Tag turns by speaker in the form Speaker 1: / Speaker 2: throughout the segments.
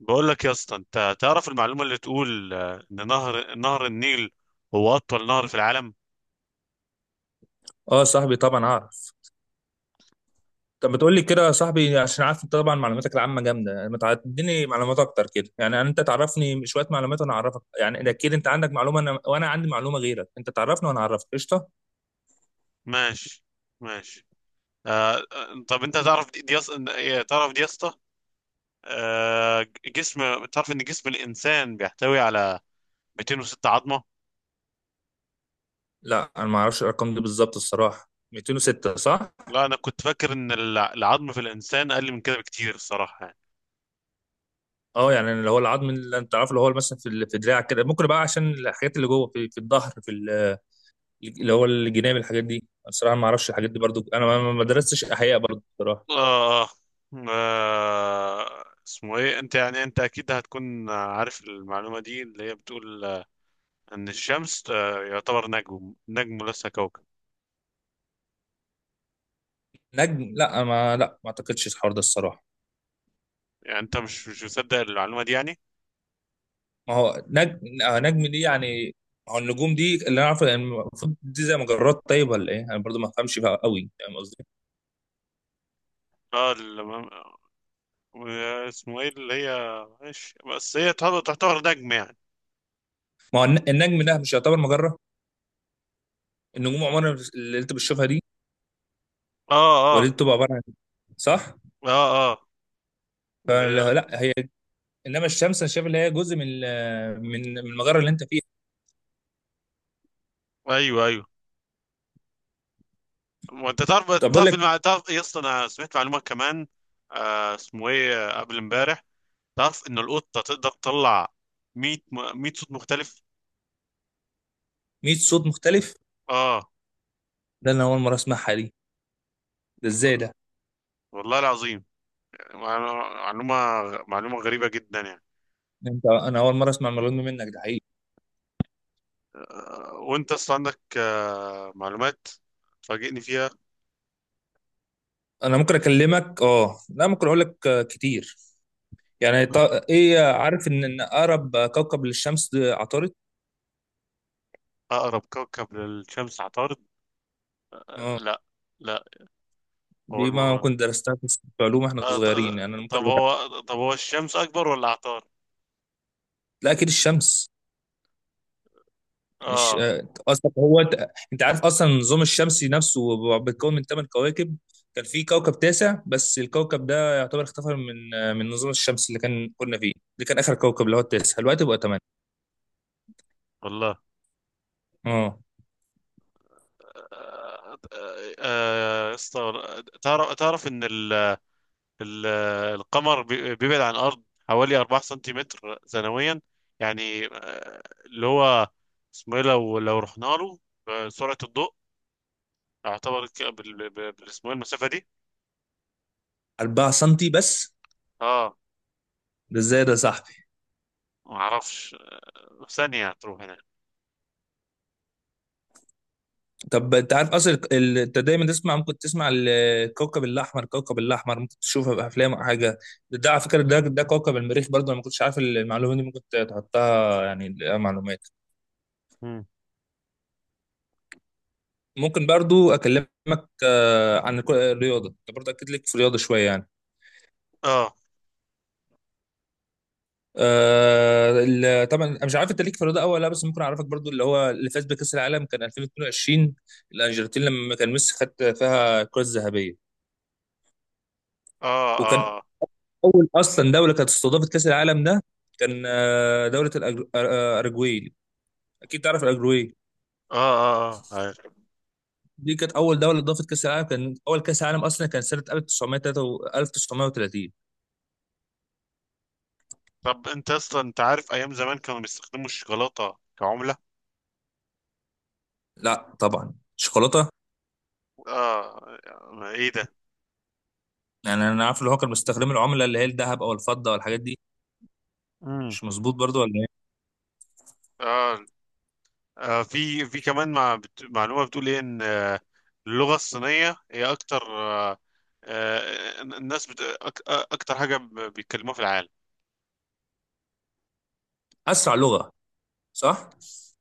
Speaker 1: بقول لك يا اسطى، انت تعرف المعلومه اللي تقول ان نهر النيل هو اطول نهر في العالم.
Speaker 2: اه صاحبي، طبعا اعرف. طب ما تقول لي كده يا صاحبي عشان عارف انت طبعا معلوماتك العامه جامده. يعني ما تعديني معلومات اكتر كده، يعني انت تعرفني شويه معلومات وانا اعرفك. يعني اكيد انت عندك معلومه وانا عندي معلومه غيرك، انت تعرفني وانا اعرفك، قشطه.
Speaker 1: ماشي. ماشي. طب انت تعرف إيه، تعرف دي يا اسطى؟ تعرف ان جسم الانسان بيحتوي على 206 عظمه.
Speaker 2: لا انا ما اعرفش الارقام دي بالظبط الصراحه. 206 صح.
Speaker 1: لا، انا كنت فاكر ان العظم في الانسان اقل من كده بكتير، الصراحه يعني.
Speaker 2: اه يعني اللي هو العظم اللي انت عارفه، اللي هو مثلا في دراعك كده، ممكن بقى عشان الحاجات اللي جوه في الظهر، اللي هو الجناب. الحاجات دي الصراحه ما اعرفش الحاجات دي برضو. انا ما درستش احياء برضو الصراحه.
Speaker 1: آه اسمه ايه، انت يعني انت اكيد هتكون عارف المعلومه دي اللي هي بتقول ان الشمس يعتبر نجم نجم، ليس كوكب.
Speaker 2: نجم، لا ما اعتقدش الحوار ده الصراحه.
Speaker 1: يعني انت مش مصدق المعلومه دي يعني؟
Speaker 2: ما هو نجم، نجم دي يعني. هو النجوم دي اللي انا عارفه يعني المفروض دي زي مجرات، طيب ولا ايه؟ انا برضو ما بفهمش فيها قوي، فاهم قصدي؟
Speaker 1: اه، اسمه ايه، اللي هي ماشي، بس هي تعتبر نجم يعني.
Speaker 2: ما هو النجم ده مش يعتبر مجره؟ النجوم عمرها اللي انت بتشوفها دي،
Speaker 1: اه، اه،
Speaker 2: ولا دي بتبقى عباره عن، صح؟
Speaker 1: اه، اه، اللي هي
Speaker 2: فلا لا، هي. انما الشمس انا شايف اللي هي جزء من ال- من من المجره اللي انت فيها.
Speaker 1: ايوه، ايوه. وانت تعرف
Speaker 2: طب اقول
Speaker 1: تعرف
Speaker 2: لك.
Speaker 1: تعرف إيه يا اسطى؟ انا سمعت معلومه كمان، اسمه ايه، قبل امبارح. تعرف ان القطه تقدر تطلع 100 100 صوت مختلف.
Speaker 2: 100 صوت مختلف.
Speaker 1: اه،
Speaker 2: ده انا اول مره اسمعها دي. ده ازاي ده؟
Speaker 1: والله العظيم، يعني معلومه غريبه جدا يعني.
Speaker 2: انا اول مره اسمع المعلومه دي منك، ده حقيقي.
Speaker 1: وانت اصلا عندك معلومات تفاجئني فيها.
Speaker 2: انا ممكن اكلمك. اه لا، ممكن اقول لك كتير. يعني ايه، عارف ان اقرب كوكب للشمس ده عطارد.
Speaker 1: اقرب كوكب للشمس عطارد؟
Speaker 2: اه.
Speaker 1: لا، لا، اول
Speaker 2: دي ما
Speaker 1: مره.
Speaker 2: كنت درستها في علوم احنا
Speaker 1: آه، ط-
Speaker 2: صغيرين، يعني انا ممكن.
Speaker 1: طب هو الشمس اكبر ولا عطارد؟
Speaker 2: لا اكيد الشمس. يعني الش...
Speaker 1: اه،
Speaker 2: آه، اصلا هو انت عارف اصلا النظام الشمسي نفسه بيتكون من 8 كواكب. كان في كوكب تاسع، بس الكوكب ده يعتبر اختفى من النظام الشمسي اللي كنا فيه. ده كان اخر كوكب، اللي هو التاسع، دلوقتي بقى 8.
Speaker 1: والله.
Speaker 2: اه.
Speaker 1: آه، تعرف ان ال القمر بيبعد عن الارض حوالي 4 سنتيمتر سنويا. يعني اللي هو اسمه ايه، لو رحنا له بسرعه الضوء يعتبر اسمه ايه المسافه دي.
Speaker 2: 4 سم بس؟
Speaker 1: اه،
Speaker 2: ده ازاي ده، صح.
Speaker 1: ما اعرفش، ثانية هتروح هنا.
Speaker 2: طب انت عارف اصلا، انت دايما تسمع، ممكن تسمع الكوكب الاحمر، كوكب الاحمر ممكن تشوفها في افلام او حاجه. ده على فكره، ده كوكب المريخ. برضو انا ما كنتش عارف المعلومه دي، ممكن تحطها يعني لها معلومات.
Speaker 1: مم.
Speaker 2: ممكن برضو اكلمك عن الرياضه. انت برضو اكيد ليك في الرياضه شويه يعني.
Speaker 1: اه،
Speaker 2: طبعا انا مش عارف انت ليك في الرياضه أوي ولا لا، بس ممكن اعرفك برضو اللي هو اللي فاز بكاس العالم كان 2022، الارجنتين، لما كان ميسي خد فيها الكره الذهبيه.
Speaker 1: اه،
Speaker 2: وكان
Speaker 1: اه، اه،
Speaker 2: اول اصلا دوله كانت استضافت كاس العالم ده كان دوله الاراجواي. اكيد تعرف الاراجواي.
Speaker 1: اه، اه، عارف.
Speaker 2: دي كانت اول دوله اضافت كاس العالم. كان اول كاس عالم اصلا كان سنه 1933 1930.
Speaker 1: طب انت اصلا انت عارف ايام زمان كانوا بيستخدموا الشوكولاتة كعملة؟
Speaker 2: لا طبعا، شوكولاته.
Speaker 1: اه، ما ايه ده.
Speaker 2: يعني انا عارف اللي هو كان مستخدم العمله اللي هي الذهب او الفضه والحاجات دي.
Speaker 1: مم.
Speaker 2: مش مظبوط برضو ولا ايه.
Speaker 1: اه، في كمان معلومة بتقول ايه، ان اللغة الصينية هي اكتر الناس بت... أك... آه، اكتر حاجة بيتكلموها في العالم.
Speaker 2: اسرع لغه، صح.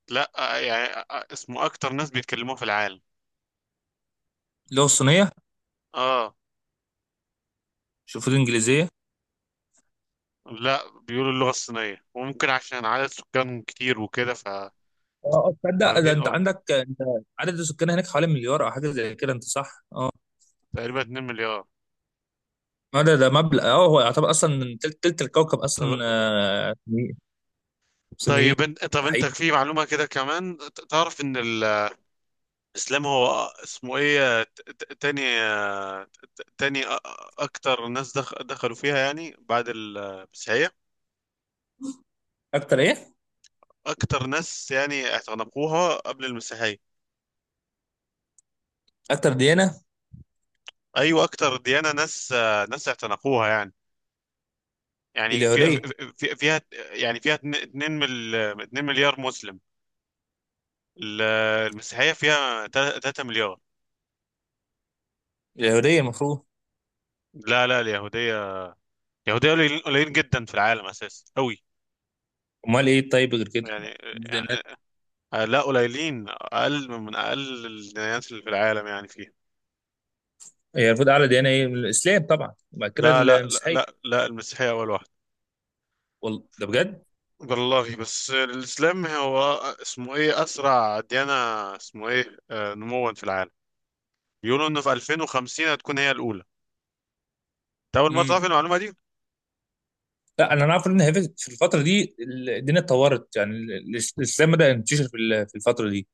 Speaker 1: لا، يعني اسمه اكتر ناس بيتكلموها في العالم.
Speaker 2: اللغه الصينيه.
Speaker 1: اه،
Speaker 2: شوف الانجليزيه.
Speaker 1: لا، بيقولوا اللغة الصينية، وممكن عشان عدد سكانهم كتير وكده، ف
Speaker 2: اه، تصدق ده
Speaker 1: واخدين.
Speaker 2: انت
Speaker 1: اه،
Speaker 2: عندك انت، عدد السكان هناك حوالي مليار او حاجه زي كده، انت صح، اه.
Speaker 1: تقريبا 2 مليار.
Speaker 2: ما ده مبلغ، اه. هو يعتبر اصلا من تلت الكوكب اصلا
Speaker 1: طب
Speaker 2: صينيين. صينيين،
Speaker 1: طيب انت طب
Speaker 2: ده حقيقي.
Speaker 1: انت في معلومة كده كمان، تعرف ان الاسلام هو اسمه ايه، تاني اكتر ناس دخلوا فيها، يعني بعد المسيحية.
Speaker 2: اكتر ايه؟
Speaker 1: اكتر ناس يعني اعتنقوها قبل المسيحية.
Speaker 2: اكتر ديانه.
Speaker 1: ايوه، اكتر ديانة ناس، ناس اعتنقوها يعني. يعني فيها
Speaker 2: اليهوديه.
Speaker 1: فيها، يعني فيها 2 مليار مسلم. ال- المسيحية فيها 3 مليار.
Speaker 2: اليهوديه المفروض.
Speaker 1: لا، لا، اليهودية، اليهودية قليلين، قليلين جدا في العالم أساسا أوي.
Speaker 2: امال ايه، طيب، غير كده؟
Speaker 1: يعني.
Speaker 2: الديانات.
Speaker 1: يعني- لا، قليلين، أقل من أقل الديانات اللي في العالم، يعني فيها.
Speaker 2: هي المفروض اعلى ديانه ايه؟ الاسلام طبعا، وبعد كده
Speaker 1: لا، لا، لا،
Speaker 2: المسيحيه.
Speaker 1: لا، لا، المسيحية أول واحدة.
Speaker 2: والله، ده بجد؟
Speaker 1: والله، بس الإسلام هو اسمه إيه، أسرع ديانة اسمه إيه نموا في العالم. بيقولوا إنه في 2050 هتكون هي الأولى. أنت أول مرة
Speaker 2: امم.
Speaker 1: تعرف المعلومة دي؟
Speaker 2: لا انا اعرف ان هي في الفتره دي الدنيا اتطورت. يعني الاسلام بدا ينتشر في الفتره دي.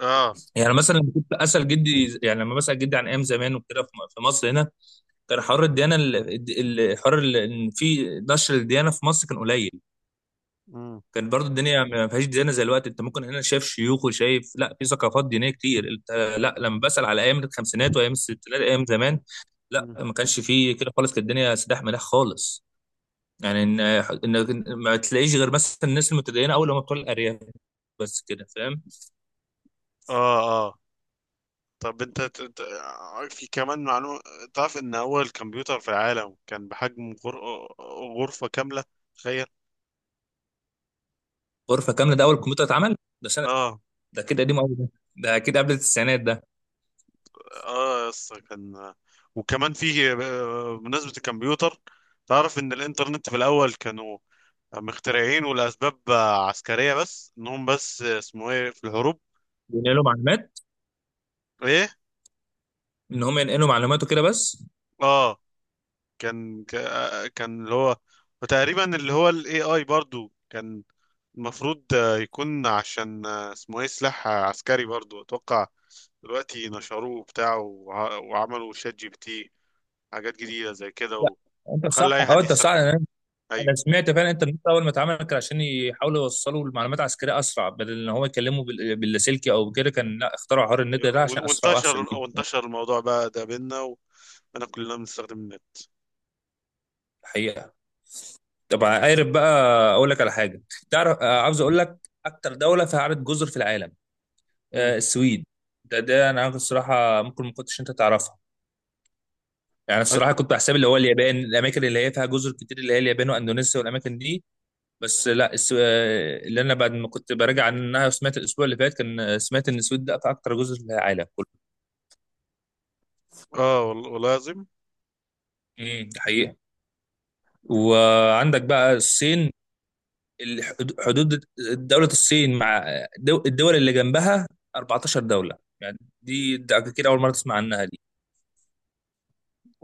Speaker 1: آه.
Speaker 2: يعني مثلا لما كنت اسال جدي، يعني لما بسال جدي عن ايام زمان وكده، في مصر هنا كان حوار الديانه. ان في نشر الديانه في مصر كان قليل.
Speaker 1: مم.
Speaker 2: كان برضو الدنيا ما فيهاش ديانه زي الوقت. انت ممكن هنا شايف شيوخ وشايف، لا، في ثقافات دينيه كتير انت. لا، لما بسأل على ايام الخمسينات وايام الستينات، ايام زمان، لا
Speaker 1: مم.
Speaker 2: ما كانش فيه كده خالص، كانت الدنيا سداح مداح خالص. يعني ان ما تلاقيش غير مثلا الناس المتدينه، اول لما بتوع الارياف، بس كده فاهم.
Speaker 1: آه طب انت في كمان معلومة، تعرف ان اول كمبيوتر في العالم كان بحجم غرفة كاملة؟ تخيل.
Speaker 2: غرفه كامله، ده اول كمبيوتر اتعمل. ده سنه.
Speaker 1: اه،
Speaker 2: ده كده قديم قوي ده، ده اكيد قبل التسعينات ده.
Speaker 1: اه يا اسطى، كان. وكمان فيه بمناسبة الكمبيوتر، تعرف ان الانترنت في الاول كانوا مخترعين ولاسباب عسكرية، بس انهم بس اسمه ايه، في الحروب.
Speaker 2: بينقلوا معلومات.
Speaker 1: ايه؟
Speaker 2: ان هم ينقلوا معلومات وكده بس.
Speaker 1: اه، كان كان اللي هو. وتقريبا اللي هو الاي اي برضو كان المفروض يكون عشان اسمه ايه، سلاح عسكري برضو، اتوقع. دلوقتي نشروه بتاعه وعملوا شات جي بي تي، حاجات جديدة زي
Speaker 2: لا
Speaker 1: كده،
Speaker 2: انت صح،
Speaker 1: وخلى اي
Speaker 2: اه،
Speaker 1: حد
Speaker 2: انت صح.
Speaker 1: يستخدمه.
Speaker 2: انا أنا
Speaker 1: ايوه،
Speaker 2: سمعت فعلا الانترنت اول ما اتعمل كان عشان يحاولوا يوصلوا المعلومات عسكريه اسرع، بدل ان هو يكلموا باللاسلكي او كده. كان لا، اخترعوا حوار النت ده عشان اسرع
Speaker 1: وانتشر
Speaker 2: واحسن ليهم.
Speaker 1: وانتشر الموضوع بقى ده بينا، وانا كلنا بنستخدم النت.
Speaker 2: الحقيقه. طب عارف بقى، اقول لك على حاجه. تعرف، عاوز اقول لك، اكتر دوله فيها عدد جزر في العالم،
Speaker 1: مم.
Speaker 2: السويد. ده انا عارف الصراحه، ممكن ما كنتش انت تعرفها. يعني
Speaker 1: أج-
Speaker 2: الصراحه كنت بحسب اللي هو اليابان، الاماكن اللي هي فيها جزر كتير اللي هي اليابان واندونيسيا والاماكن دي. بس لا، اللي انا بعد ما كنت براجع عنها وسمعت الاسبوع اللي فات، كان سمعت ان السويد ده اكتر جزر في العالم كله.
Speaker 1: اه، والله العظيم.
Speaker 2: امم. ده حقيقة. وعندك بقى الصين. حدود دولة الصين مع الدول اللي جنبها 14 دولة، يعني دي ده كده اول مرة تسمع عنها دي.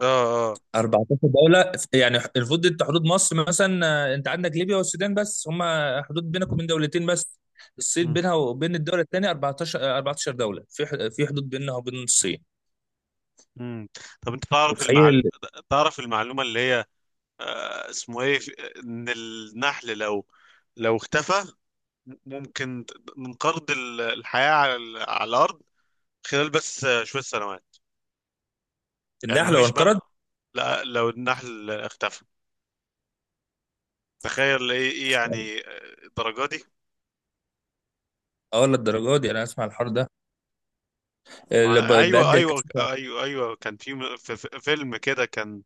Speaker 1: اه، اه.
Speaker 2: 14 دولة. يعني المفروض انت حدود مصر مثلا، انت عندك ليبيا والسودان بس، هم حدود بينك وبين 2 دولة بس. الصين
Speaker 1: مم.
Speaker 2: بينها وبين الدولة الثانية 14، 14 دولة في حدود بينها وبين الصين.
Speaker 1: مم. طب انت تعرف
Speaker 2: متخيل
Speaker 1: تعرف المعلومة اللي هي، اسمه ايه، ان النحل لو اختفى ممكن من قرض الحياة على الأرض خلال بس شوية سنوات. يعني
Speaker 2: النحل
Speaker 1: ما
Speaker 2: لو
Speaker 1: فيش
Speaker 2: انقرض؟
Speaker 1: بقى، لا، لو النحل اختفى، تخيل، ايه؟ إيه يعني الدرجة دي.
Speaker 2: اه، للدرجه دي؟ انا اسمع الحوار ده. اللي
Speaker 1: ايوه،
Speaker 2: بيأدي
Speaker 1: ايوه،
Speaker 2: الكسل.
Speaker 1: ايوه، ايوه، كان في في فيلم كده كان،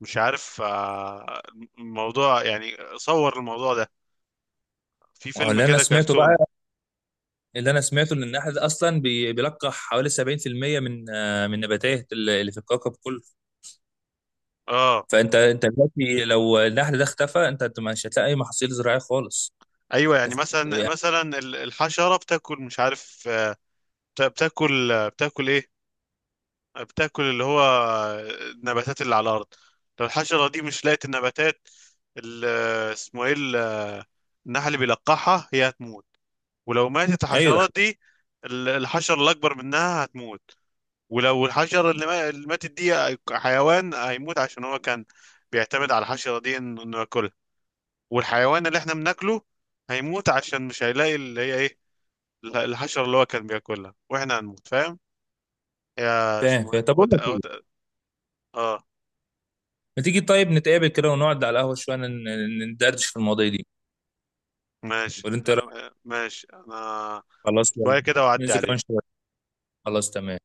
Speaker 1: مش عارف الموضوع، يعني صور الموضوع ده في
Speaker 2: هو
Speaker 1: فيلم
Speaker 2: اللي انا
Speaker 1: كده
Speaker 2: سمعته
Speaker 1: كرتوني.
Speaker 2: بقى، اللي انا سمعته ان النحل ده اصلا بيلقح حوالي 70% من النباتات اللي في الكوكب كله.
Speaker 1: اه.
Speaker 2: فانت دلوقتي لو النحل ده اختفى، انت مش هتلاقي اي محاصيل زراعيه خالص.
Speaker 1: ايوه، يعني
Speaker 2: تف-
Speaker 1: مثلا،
Speaker 2: يعني-
Speaker 1: مثلا الحشرة بتاكل، مش عارف بتاكل بتاكل ايه، بتاكل اللي هو النباتات اللي على الارض. لو الحشره دي مش لقت النباتات، ال- اسمه ايه، النحل اللي بيلقحها، هي هتموت. ولو ماتت
Speaker 2: ايوه، ده
Speaker 1: الحشرات
Speaker 2: حقيقي.
Speaker 1: دي، الحشره الاكبر منها هتموت. ولو الحشره اللي ما- اللي ماتت دي، حيوان هيموت عشان هو كان بيعتمد على الحشره دي انه ياكلها. والحيوان اللي احنا بناكله هيموت عشان مش هيلاقي اللي هي ايه الحشره اللي هو كان بياكلها، واحنا هنموت، فاهم يا
Speaker 2: فاهم
Speaker 1: اسمه إيه؟
Speaker 2: فاهم. طب اقول لك ايه،
Speaker 1: اه،
Speaker 2: ما تيجي طيب نتقابل كده ونقعد على القهوه شويه ندردش في المواضيع دي،
Speaker 1: ماشي.
Speaker 2: ولا انت رأيك؟
Speaker 1: ماشي انا،
Speaker 2: خلاص يلا،
Speaker 1: شوية كده واعدي
Speaker 2: ننزل كمان
Speaker 1: عليك.
Speaker 2: شويه. خلاص، تمام.